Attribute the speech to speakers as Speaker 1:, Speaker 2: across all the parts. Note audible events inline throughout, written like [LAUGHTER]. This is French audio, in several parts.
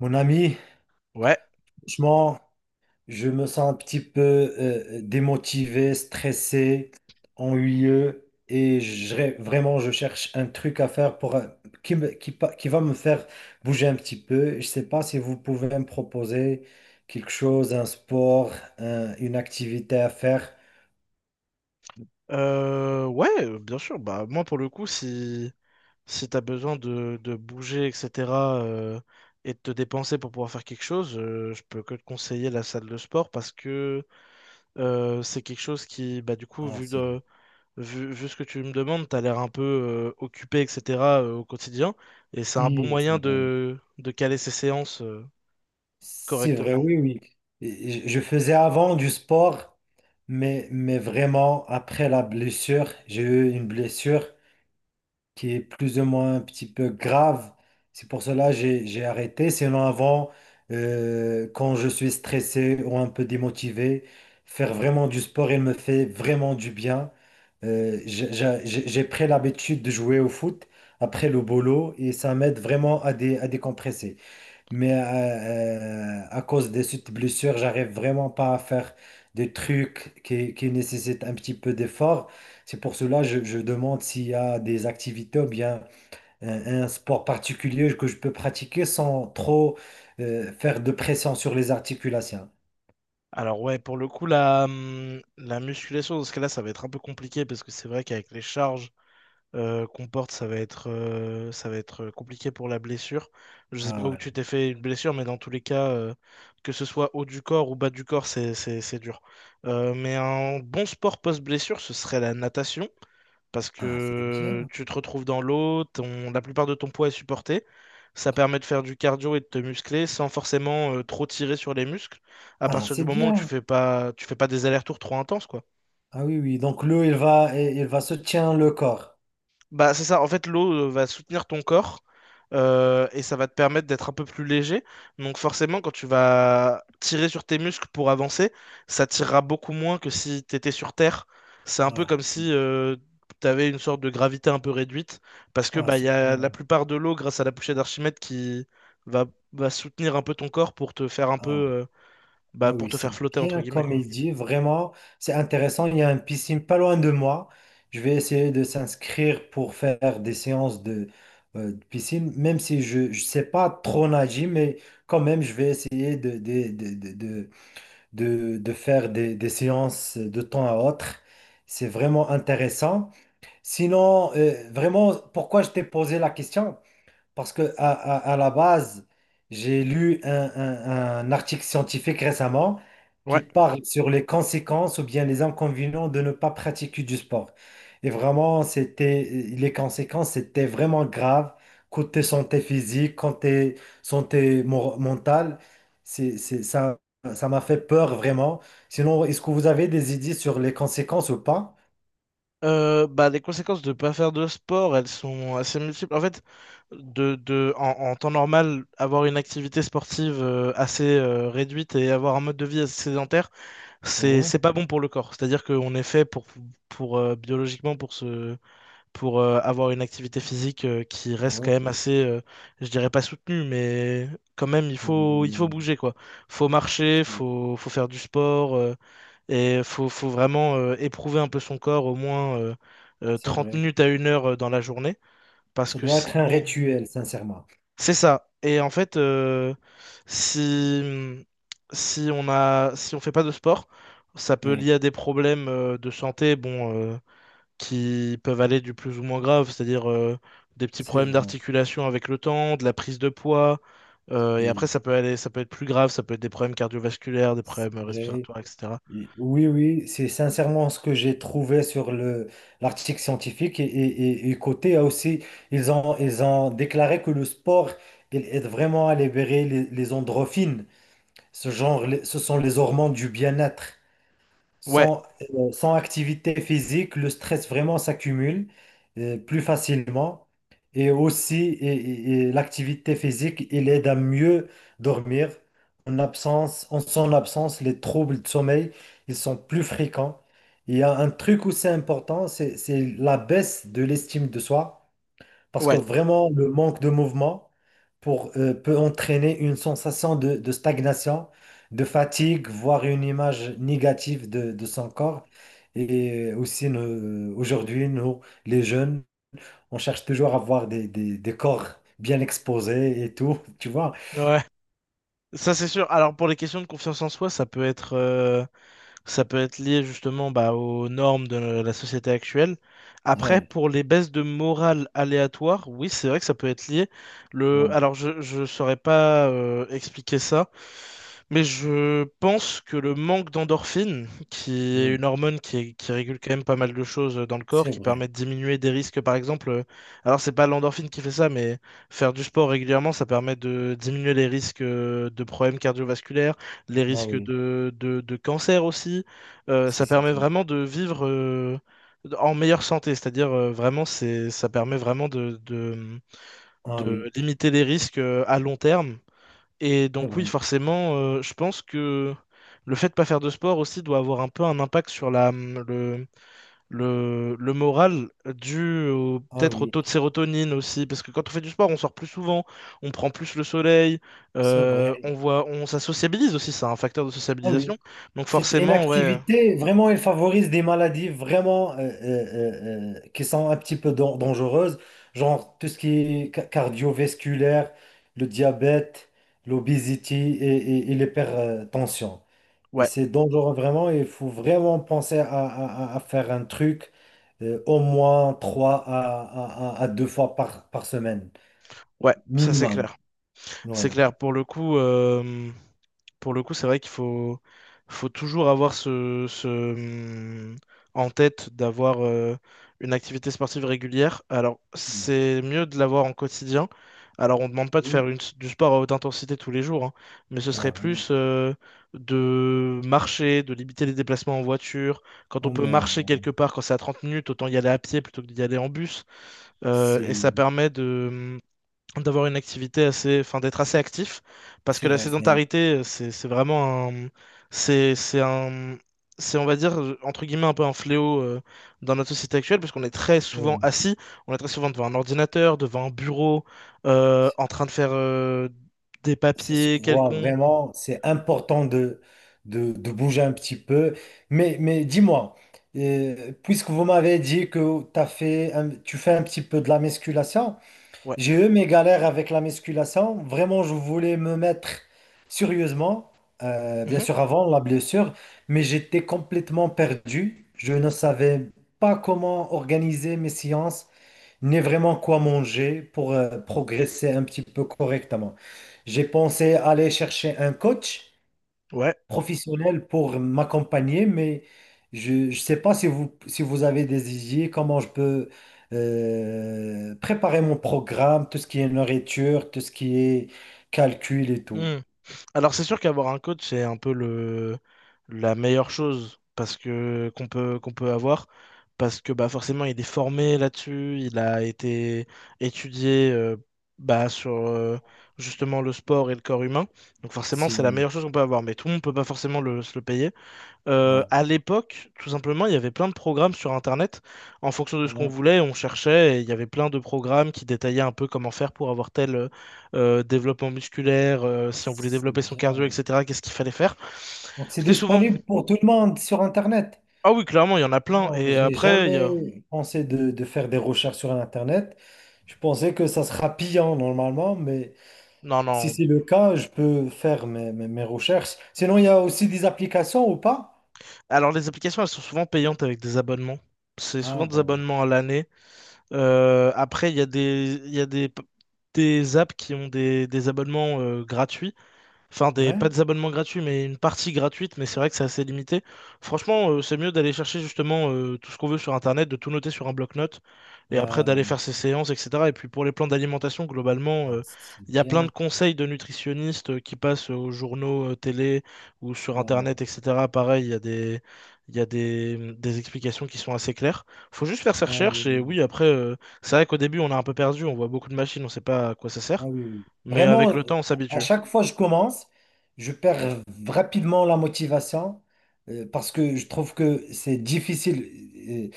Speaker 1: Mon ami,
Speaker 2: Ouais,
Speaker 1: franchement, je me sens un petit peu démotivé, stressé, ennuyeux et vraiment je cherche un truc à faire pour qui, qui, qui va me faire bouger un petit peu. Je ne sais pas si vous pouvez me proposer quelque chose, un sport, une activité à faire.
Speaker 2: ouais, bien sûr. Bah, moi, pour le coup, si t'as besoin de bouger, etc., euh, et de te dépenser pour pouvoir faire quelque chose, je peux que te conseiller la salle de sport parce que c'est quelque chose qui, du coup,
Speaker 1: Ah,
Speaker 2: vu,
Speaker 1: c'est
Speaker 2: de, vu, vu ce que tu me demandes, t'as l'air un peu occupé, etc., au quotidien. Et c'est un bon
Speaker 1: si,
Speaker 2: moyen
Speaker 1: c'est vrai.
Speaker 2: de caler ses séances
Speaker 1: C'est vrai,
Speaker 2: correctement.
Speaker 1: oui, oui. Et je faisais avant du sport, mais vraiment, après la blessure, j'ai eu une blessure qui est plus ou moins un petit peu grave. C'est pour cela que j'ai arrêté. Sinon, avant, quand je suis stressé ou un peu démotivé, faire vraiment du sport, il me fait vraiment du bien. J'ai pris l'habitude de jouer au foot après le boulot et ça m'aide vraiment à décompresser. Mais à cause de cette blessure, j'arrive vraiment pas à faire des trucs qui nécessitent un petit peu d'effort. C'est pour cela que je demande s'il y a des activités ou bien un sport particulier que je peux pratiquer sans trop faire de pression sur les articulations.
Speaker 2: Alors ouais, pour le coup, la musculation, dans ce cas-là, ça va être un peu compliqué parce que c'est vrai qu'avec les charges, qu'on porte, ça va être compliqué pour la blessure. Je sais pas
Speaker 1: Ah,
Speaker 2: où
Speaker 1: ouais.
Speaker 2: tu t'es fait une blessure, mais dans tous les cas, que ce soit haut du corps ou bas du corps, c'est dur. Mais un bon sport post-blessure, ce serait la natation, parce
Speaker 1: Ah, c'est
Speaker 2: que
Speaker 1: bien.
Speaker 2: tu te retrouves dans l'eau, la plupart de ton poids est supporté. Ça permet de faire du cardio et de te muscler sans forcément trop tirer sur les muscles, à
Speaker 1: Ah,
Speaker 2: partir du
Speaker 1: c'est
Speaker 2: moment où
Speaker 1: bien.
Speaker 2: tu fais pas des allers-retours trop intenses, quoi.
Speaker 1: Ah oui, oui. Donc l'eau, il va soutenir le corps.
Speaker 2: Bah, c'est ça, en fait, l'eau va soutenir ton corps et ça va te permettre d'être un peu plus léger. Donc forcément, quand tu vas tirer sur tes muscles pour avancer, ça tirera beaucoup moins que si t'étais sur Terre. C'est un peu
Speaker 1: Ah,
Speaker 2: comme si tu avais une sorte de gravité un peu réduite, parce que
Speaker 1: ah,
Speaker 2: bah, il y
Speaker 1: c'est
Speaker 2: a la
Speaker 1: bien.
Speaker 2: plupart de l'eau, grâce à la poussée d'Archimède, qui va, va soutenir un peu ton corps pour te faire un peu,
Speaker 1: Ah.
Speaker 2: bah,
Speaker 1: Ah
Speaker 2: pour
Speaker 1: oui,
Speaker 2: te
Speaker 1: c'est
Speaker 2: faire flotter, entre
Speaker 1: bien
Speaker 2: guillemets,
Speaker 1: comme
Speaker 2: quoi.
Speaker 1: il dit, vraiment, c'est intéressant. Il y a une piscine pas loin de moi. Je vais essayer de s'inscrire pour faire des séances de piscine, même si je ne sais pas trop nager, mais quand même, je vais essayer de faire des séances de temps à autre. C'est vraiment intéressant. Sinon, vraiment, pourquoi je t'ai posé la question? Parce que à la base, j'ai lu un article scientifique récemment qui
Speaker 2: Ouais.
Speaker 1: parle sur les conséquences ou bien les inconvénients de ne pas pratiquer du sport. Et vraiment, c'était les conséquences étaient vraiment graves côté santé physique, côté mentale. C'est, c'est- ça, ça m'a fait peur vraiment. Sinon, est-ce que vous avez des idées sur les conséquences ou pas?
Speaker 2: Bah, les conséquences de pas faire de sport, elles sont assez multiples. En fait, en temps normal, avoir une activité sportive assez réduite et avoir un mode de vie assez sédentaire,
Speaker 1: Ouais,
Speaker 2: c'est pas bon pour le corps. C'est-à-dire qu'on est fait pour biologiquement pour se, pour avoir une activité physique qui reste quand même assez, je dirais pas soutenue, mais quand même, il faut
Speaker 1: oui.
Speaker 2: bouger, quoi. Faut marcher, faut faire du sport. Faut vraiment éprouver un peu son corps au moins
Speaker 1: C'est
Speaker 2: 30
Speaker 1: vrai.
Speaker 2: minutes à une heure dans la journée. Parce
Speaker 1: Ça
Speaker 2: que
Speaker 1: doit être un
Speaker 2: sinon.
Speaker 1: rituel, sincèrement.
Speaker 2: C'est ça. Et en fait, si, si on a, si on fait pas de sport, ça peut
Speaker 1: Oui,
Speaker 2: lier à des problèmes de santé bon, qui peuvent aller du plus ou moins grave, c'est-à-dire des petits
Speaker 1: c'est
Speaker 2: problèmes
Speaker 1: vrai.
Speaker 2: d'articulation avec le temps, de la prise de poids. Et après,
Speaker 1: Si,
Speaker 2: ça peut aller, ça peut être plus grave, ça peut être des problèmes cardiovasculaires, des
Speaker 1: c'est
Speaker 2: problèmes
Speaker 1: vrai.
Speaker 2: respiratoires, etc.
Speaker 1: Et- Oui, oui, c'est sincèrement ce que j'ai trouvé sur le l'article scientifique. Et côté ah, aussi, ils ont déclaré que le sport, il aide vraiment à libérer les endorphines. Ce genre, ce sont les hormones du bien-être.
Speaker 2: Ouais,
Speaker 1: Sans, Sans activité physique, le stress vraiment s'accumule plus facilement. Et aussi, l'activité physique, il aide à mieux dormir. En absence, en son absence, les troubles de sommeil, ils sont plus fréquents. Il y a un truc où c'est important, c'est la baisse de l'estime de soi. Parce que
Speaker 2: ouais,
Speaker 1: vraiment, le manque de mouvement peut entraîner une sensation de stagnation, de fatigue, voire une image négative de son corps. Et aussi, aujourd'hui, nous, les jeunes, on cherche toujours à avoir des corps bien exposés et tout, [LAUGHS] tu vois.
Speaker 2: ouais. Ça, c'est sûr. Alors, pour les questions de confiance en soi, ça peut être lié justement bah, aux normes de la société actuelle. Après,
Speaker 1: Ouais,
Speaker 2: pour les baisses de morale aléatoires, oui, c'est vrai que ça peut être lié. Le...
Speaker 1: ouais,
Speaker 2: Alors, je ne saurais pas expliquer ça, mais je pense que le manque d'endorphine, qui est
Speaker 1: hmm,
Speaker 2: une hormone qui régule quand même pas mal de choses dans le corps,
Speaker 1: c'est
Speaker 2: qui
Speaker 1: vrai.
Speaker 2: permet de diminuer des risques, par exemple. Alors, c'est pas l'endorphine qui fait ça, mais faire du sport régulièrement, ça permet de diminuer les risques de problèmes cardiovasculaires les
Speaker 1: Ah
Speaker 2: risques
Speaker 1: oui,
Speaker 2: de cancer aussi.
Speaker 1: si,
Speaker 2: Ça
Speaker 1: si,
Speaker 2: permet
Speaker 1: si.
Speaker 2: vraiment de vivre en meilleure santé, c'est-à-dire vraiment, c'est, ça permet vraiment
Speaker 1: Ah oui,
Speaker 2: de limiter les risques à long terme. Et
Speaker 1: c'est
Speaker 2: donc oui,
Speaker 1: vrai.
Speaker 2: forcément, je pense que le fait de pas faire de sport aussi doit avoir un peu un impact sur le moral
Speaker 1: Ah
Speaker 2: peut-être au
Speaker 1: oui,
Speaker 2: taux de sérotonine aussi, parce que quand on fait du sport, on sort plus souvent, on prend plus le soleil,
Speaker 1: c'est vrai.
Speaker 2: on voit, on, ça sociabilise aussi, c'est un facteur de
Speaker 1: Ah
Speaker 2: sociabilisation.
Speaker 1: oui.
Speaker 2: Donc
Speaker 1: Cette
Speaker 2: forcément,
Speaker 1: inactivité, vraiment, elle favorise des maladies vraiment qui sont un petit peu dangereuses, genre tout ce qui est cardiovasculaire, le diabète, l'obésité et l'hypertension. Et
Speaker 2: ouais,
Speaker 1: c'est dangereux vraiment, il faut vraiment penser à faire un truc au moins trois à deux fois par semaine,
Speaker 2: ouais, ça c'est
Speaker 1: minimum.
Speaker 2: clair.
Speaker 1: Ouais.
Speaker 2: C'est clair, pour le coup, pour le coup, c'est vrai faut toujours avoir en tête d'avoir une activité sportive régulière. Alors, c'est mieux de l'avoir en quotidien. Alors, on ne demande pas
Speaker 1: Oui.
Speaker 2: du sport à haute intensité tous les jours, hein, mais ce serait
Speaker 1: Ah oui,
Speaker 2: plus de marcher, de limiter les déplacements en voiture. Quand on
Speaker 1: quand
Speaker 2: peut
Speaker 1: même,
Speaker 2: marcher quelque part, quand c'est à 30 minutes, autant y aller à pied plutôt que d'y aller en bus. Euh,
Speaker 1: c'est
Speaker 2: et ça permet d'avoir une activité assez, enfin d'être assez actif, parce que
Speaker 1: c'est
Speaker 2: la
Speaker 1: vrai. C'est
Speaker 2: sédentarité, c'est vraiment un, c'est un, c'est on va dire entre guillemets un peu un fléau dans notre société actuelle, parce qu'on est très souvent
Speaker 1: Oui,
Speaker 2: assis, on est très souvent devant un ordinateur, devant un bureau,
Speaker 1: c-
Speaker 2: en train de faire des
Speaker 1: ça se
Speaker 2: papiers
Speaker 1: voit
Speaker 2: quelconques.
Speaker 1: vraiment, c'est important de bouger un petit peu. Mais dis-moi, puisque vous m'avez dit que tu fais un petit peu de la musculation,
Speaker 2: Ouais.
Speaker 1: j'ai eu mes galères avec la musculation. Vraiment, je voulais me mettre sérieusement, bien
Speaker 2: Mhm.
Speaker 1: sûr avant la blessure, mais j'étais complètement perdu. Je ne savais pas comment organiser mes séances, ni vraiment quoi manger pour progresser un petit peu correctement. J'ai pensé aller chercher un coach
Speaker 2: Ouais.
Speaker 1: professionnel pour m'accompagner, mais je ne sais pas si vous avez des idées, comment je peux préparer mon programme, tout ce qui est nourriture, tout ce qui est calcul et tout.
Speaker 2: Mmh. Alors c'est sûr qu'avoir un coach, c'est un peu le la meilleure chose parce que qu'on peut avoir parce que bah forcément il est formé là-dessus, il a été étudié bah sur justement le sport et le corps humain. Donc forcément,
Speaker 1: Si,
Speaker 2: c'est la meilleure chose qu'on peut avoir, mais tout le monde peut pas forcément se le payer.
Speaker 1: ouais,
Speaker 2: À l'époque, tout simplement, il y avait plein de programmes sur Internet. En fonction de ce
Speaker 1: on
Speaker 2: qu'on
Speaker 1: a-
Speaker 2: voulait, on cherchait et il y avait plein de programmes qui détaillaient un peu comment faire pour avoir tel développement musculaire, si on voulait
Speaker 1: c'est
Speaker 2: développer son cardio,
Speaker 1: bien.
Speaker 2: etc. Qu'est-ce qu'il fallait faire.
Speaker 1: Donc c'est
Speaker 2: C'était souvent...
Speaker 1: disponible pour tout le monde sur Internet.
Speaker 2: Ah oui, clairement, il y en a plein.
Speaker 1: Non,
Speaker 2: Et
Speaker 1: j'ai
Speaker 2: après, il y a...
Speaker 1: jamais pensé de faire des recherches sur Internet. Je pensais que ça sera pillant normalement, mais
Speaker 2: Non,
Speaker 1: si
Speaker 2: non.
Speaker 1: c'est le cas, je peux faire mes recherches. Sinon, il y a aussi des applications ou pas?
Speaker 2: Alors, les applications, elles sont souvent payantes avec des abonnements. C'est
Speaker 1: Ah
Speaker 2: souvent des
Speaker 1: bon,
Speaker 2: abonnements à l'année. Après, il y a des apps qui ont des abonnements gratuits. Enfin, des,
Speaker 1: ouais.
Speaker 2: pas des abonnements gratuits, mais une partie gratuite, mais c'est vrai que c'est assez limité. Franchement, c'est mieux d'aller chercher justement tout ce qu'on veut sur Internet, de tout noter sur un bloc-notes, et après
Speaker 1: Euh,
Speaker 2: d'aller faire ses séances, etc. Et puis pour les plans d'alimentation, globalement,
Speaker 1: ah, c'est
Speaker 2: il y a plein de
Speaker 1: bien.
Speaker 2: conseils de nutritionnistes qui passent aux journaux, télé ou sur
Speaker 1: Ah,
Speaker 2: Internet, etc. Pareil, il y a des explications qui sont assez claires. Faut juste faire ses
Speaker 1: ah oui,
Speaker 2: recherches, et
Speaker 1: oui, oui.
Speaker 2: oui, après, c'est vrai qu'au début, on a un peu perdu, on voit beaucoup de machines, on sait pas à quoi ça
Speaker 1: Ah
Speaker 2: sert,
Speaker 1: oui, oui.
Speaker 2: mais
Speaker 1: Vraiment,
Speaker 2: avec le temps, on
Speaker 1: à
Speaker 2: s'habitue.
Speaker 1: chaque fois que je commence, je perds rapidement la motivation parce que je trouve que c'est difficile. euh,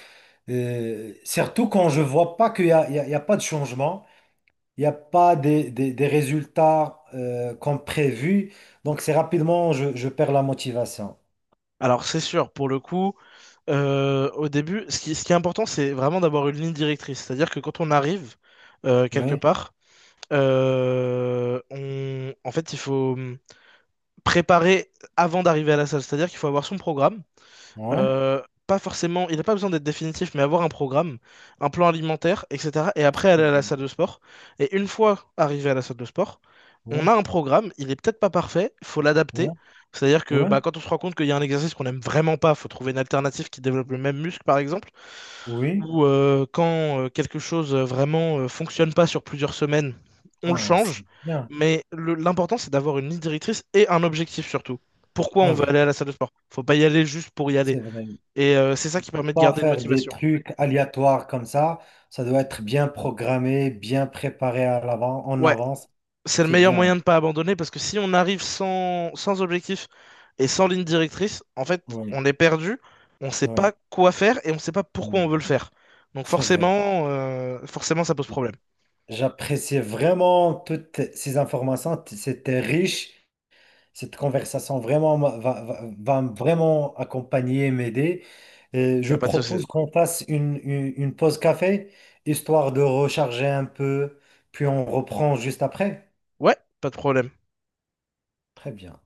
Speaker 1: Surtout quand je vois pas qu'il y a, il y a- il y a pas de changement, il n'y a pas des résultats comme prévu. Donc, c'est rapidement, je perds la motivation.
Speaker 2: Alors, c'est sûr, pour le coup, au début, ce qui est important, c'est vraiment d'avoir une ligne directrice. C'est-à-dire que quand on arrive quelque
Speaker 1: Oui,
Speaker 2: part, en fait, il faut préparer avant d'arriver à la salle. C'est-à-dire qu'il faut avoir son programme.
Speaker 1: oui,
Speaker 2: Pas forcément, il n'a pas besoin d'être définitif, mais avoir un programme, un plan alimentaire, etc. Et après aller à la salle de sport. Et une fois arrivé à la salle de sport, on
Speaker 1: oui,
Speaker 2: a un programme, il est peut-être pas parfait, faut
Speaker 1: oui,
Speaker 2: l'adapter. C'est-à-dire que
Speaker 1: oui,
Speaker 2: bah, quand on se rend compte qu'il y a un exercice qu'on n'aime vraiment pas, faut trouver une alternative qui développe le même muscle, par exemple.
Speaker 1: oui.
Speaker 2: Ou quand quelque chose vraiment fonctionne pas sur plusieurs semaines, on le
Speaker 1: Ah, c'est
Speaker 2: change.
Speaker 1: bien.
Speaker 2: L'important, c'est d'avoir une ligne directrice et un objectif surtout. Pourquoi on
Speaker 1: Ah
Speaker 2: veut aller
Speaker 1: oui,
Speaker 2: à la salle de sport? Faut pas y aller juste pour y aller.
Speaker 1: c'est vrai.
Speaker 2: C'est ça
Speaker 1: Il
Speaker 2: qui
Speaker 1: faut
Speaker 2: permet de
Speaker 1: pas
Speaker 2: garder une
Speaker 1: faire des
Speaker 2: motivation.
Speaker 1: trucs aléatoires comme ça. Ça doit être bien programmé, bien préparé à l'avant, en
Speaker 2: Ouais,
Speaker 1: avance.
Speaker 2: c'est le
Speaker 1: C'est
Speaker 2: meilleur moyen
Speaker 1: bien.
Speaker 2: de ne pas abandonner parce que si on arrive sans, sans objectif et sans ligne directrice, en fait,
Speaker 1: Oui,
Speaker 2: on est perdu, on ne sait
Speaker 1: oui,
Speaker 2: pas quoi faire et on ne sait pas pourquoi
Speaker 1: oui.
Speaker 2: on veut le faire. Donc
Speaker 1: C'est vrai.
Speaker 2: forcément, forcément, ça pose problème.
Speaker 1: J'appréciais vraiment toutes ces informations. T- C'était riche. Cette conversation vraiment va me vraiment accompagner, m'aider.
Speaker 2: Il n'y
Speaker 1: Je
Speaker 2: a pas de souci.
Speaker 1: propose qu'on fasse une pause café, histoire de recharger un peu, puis on reprend juste après.
Speaker 2: Ouais, pas de problème.
Speaker 1: Très bien.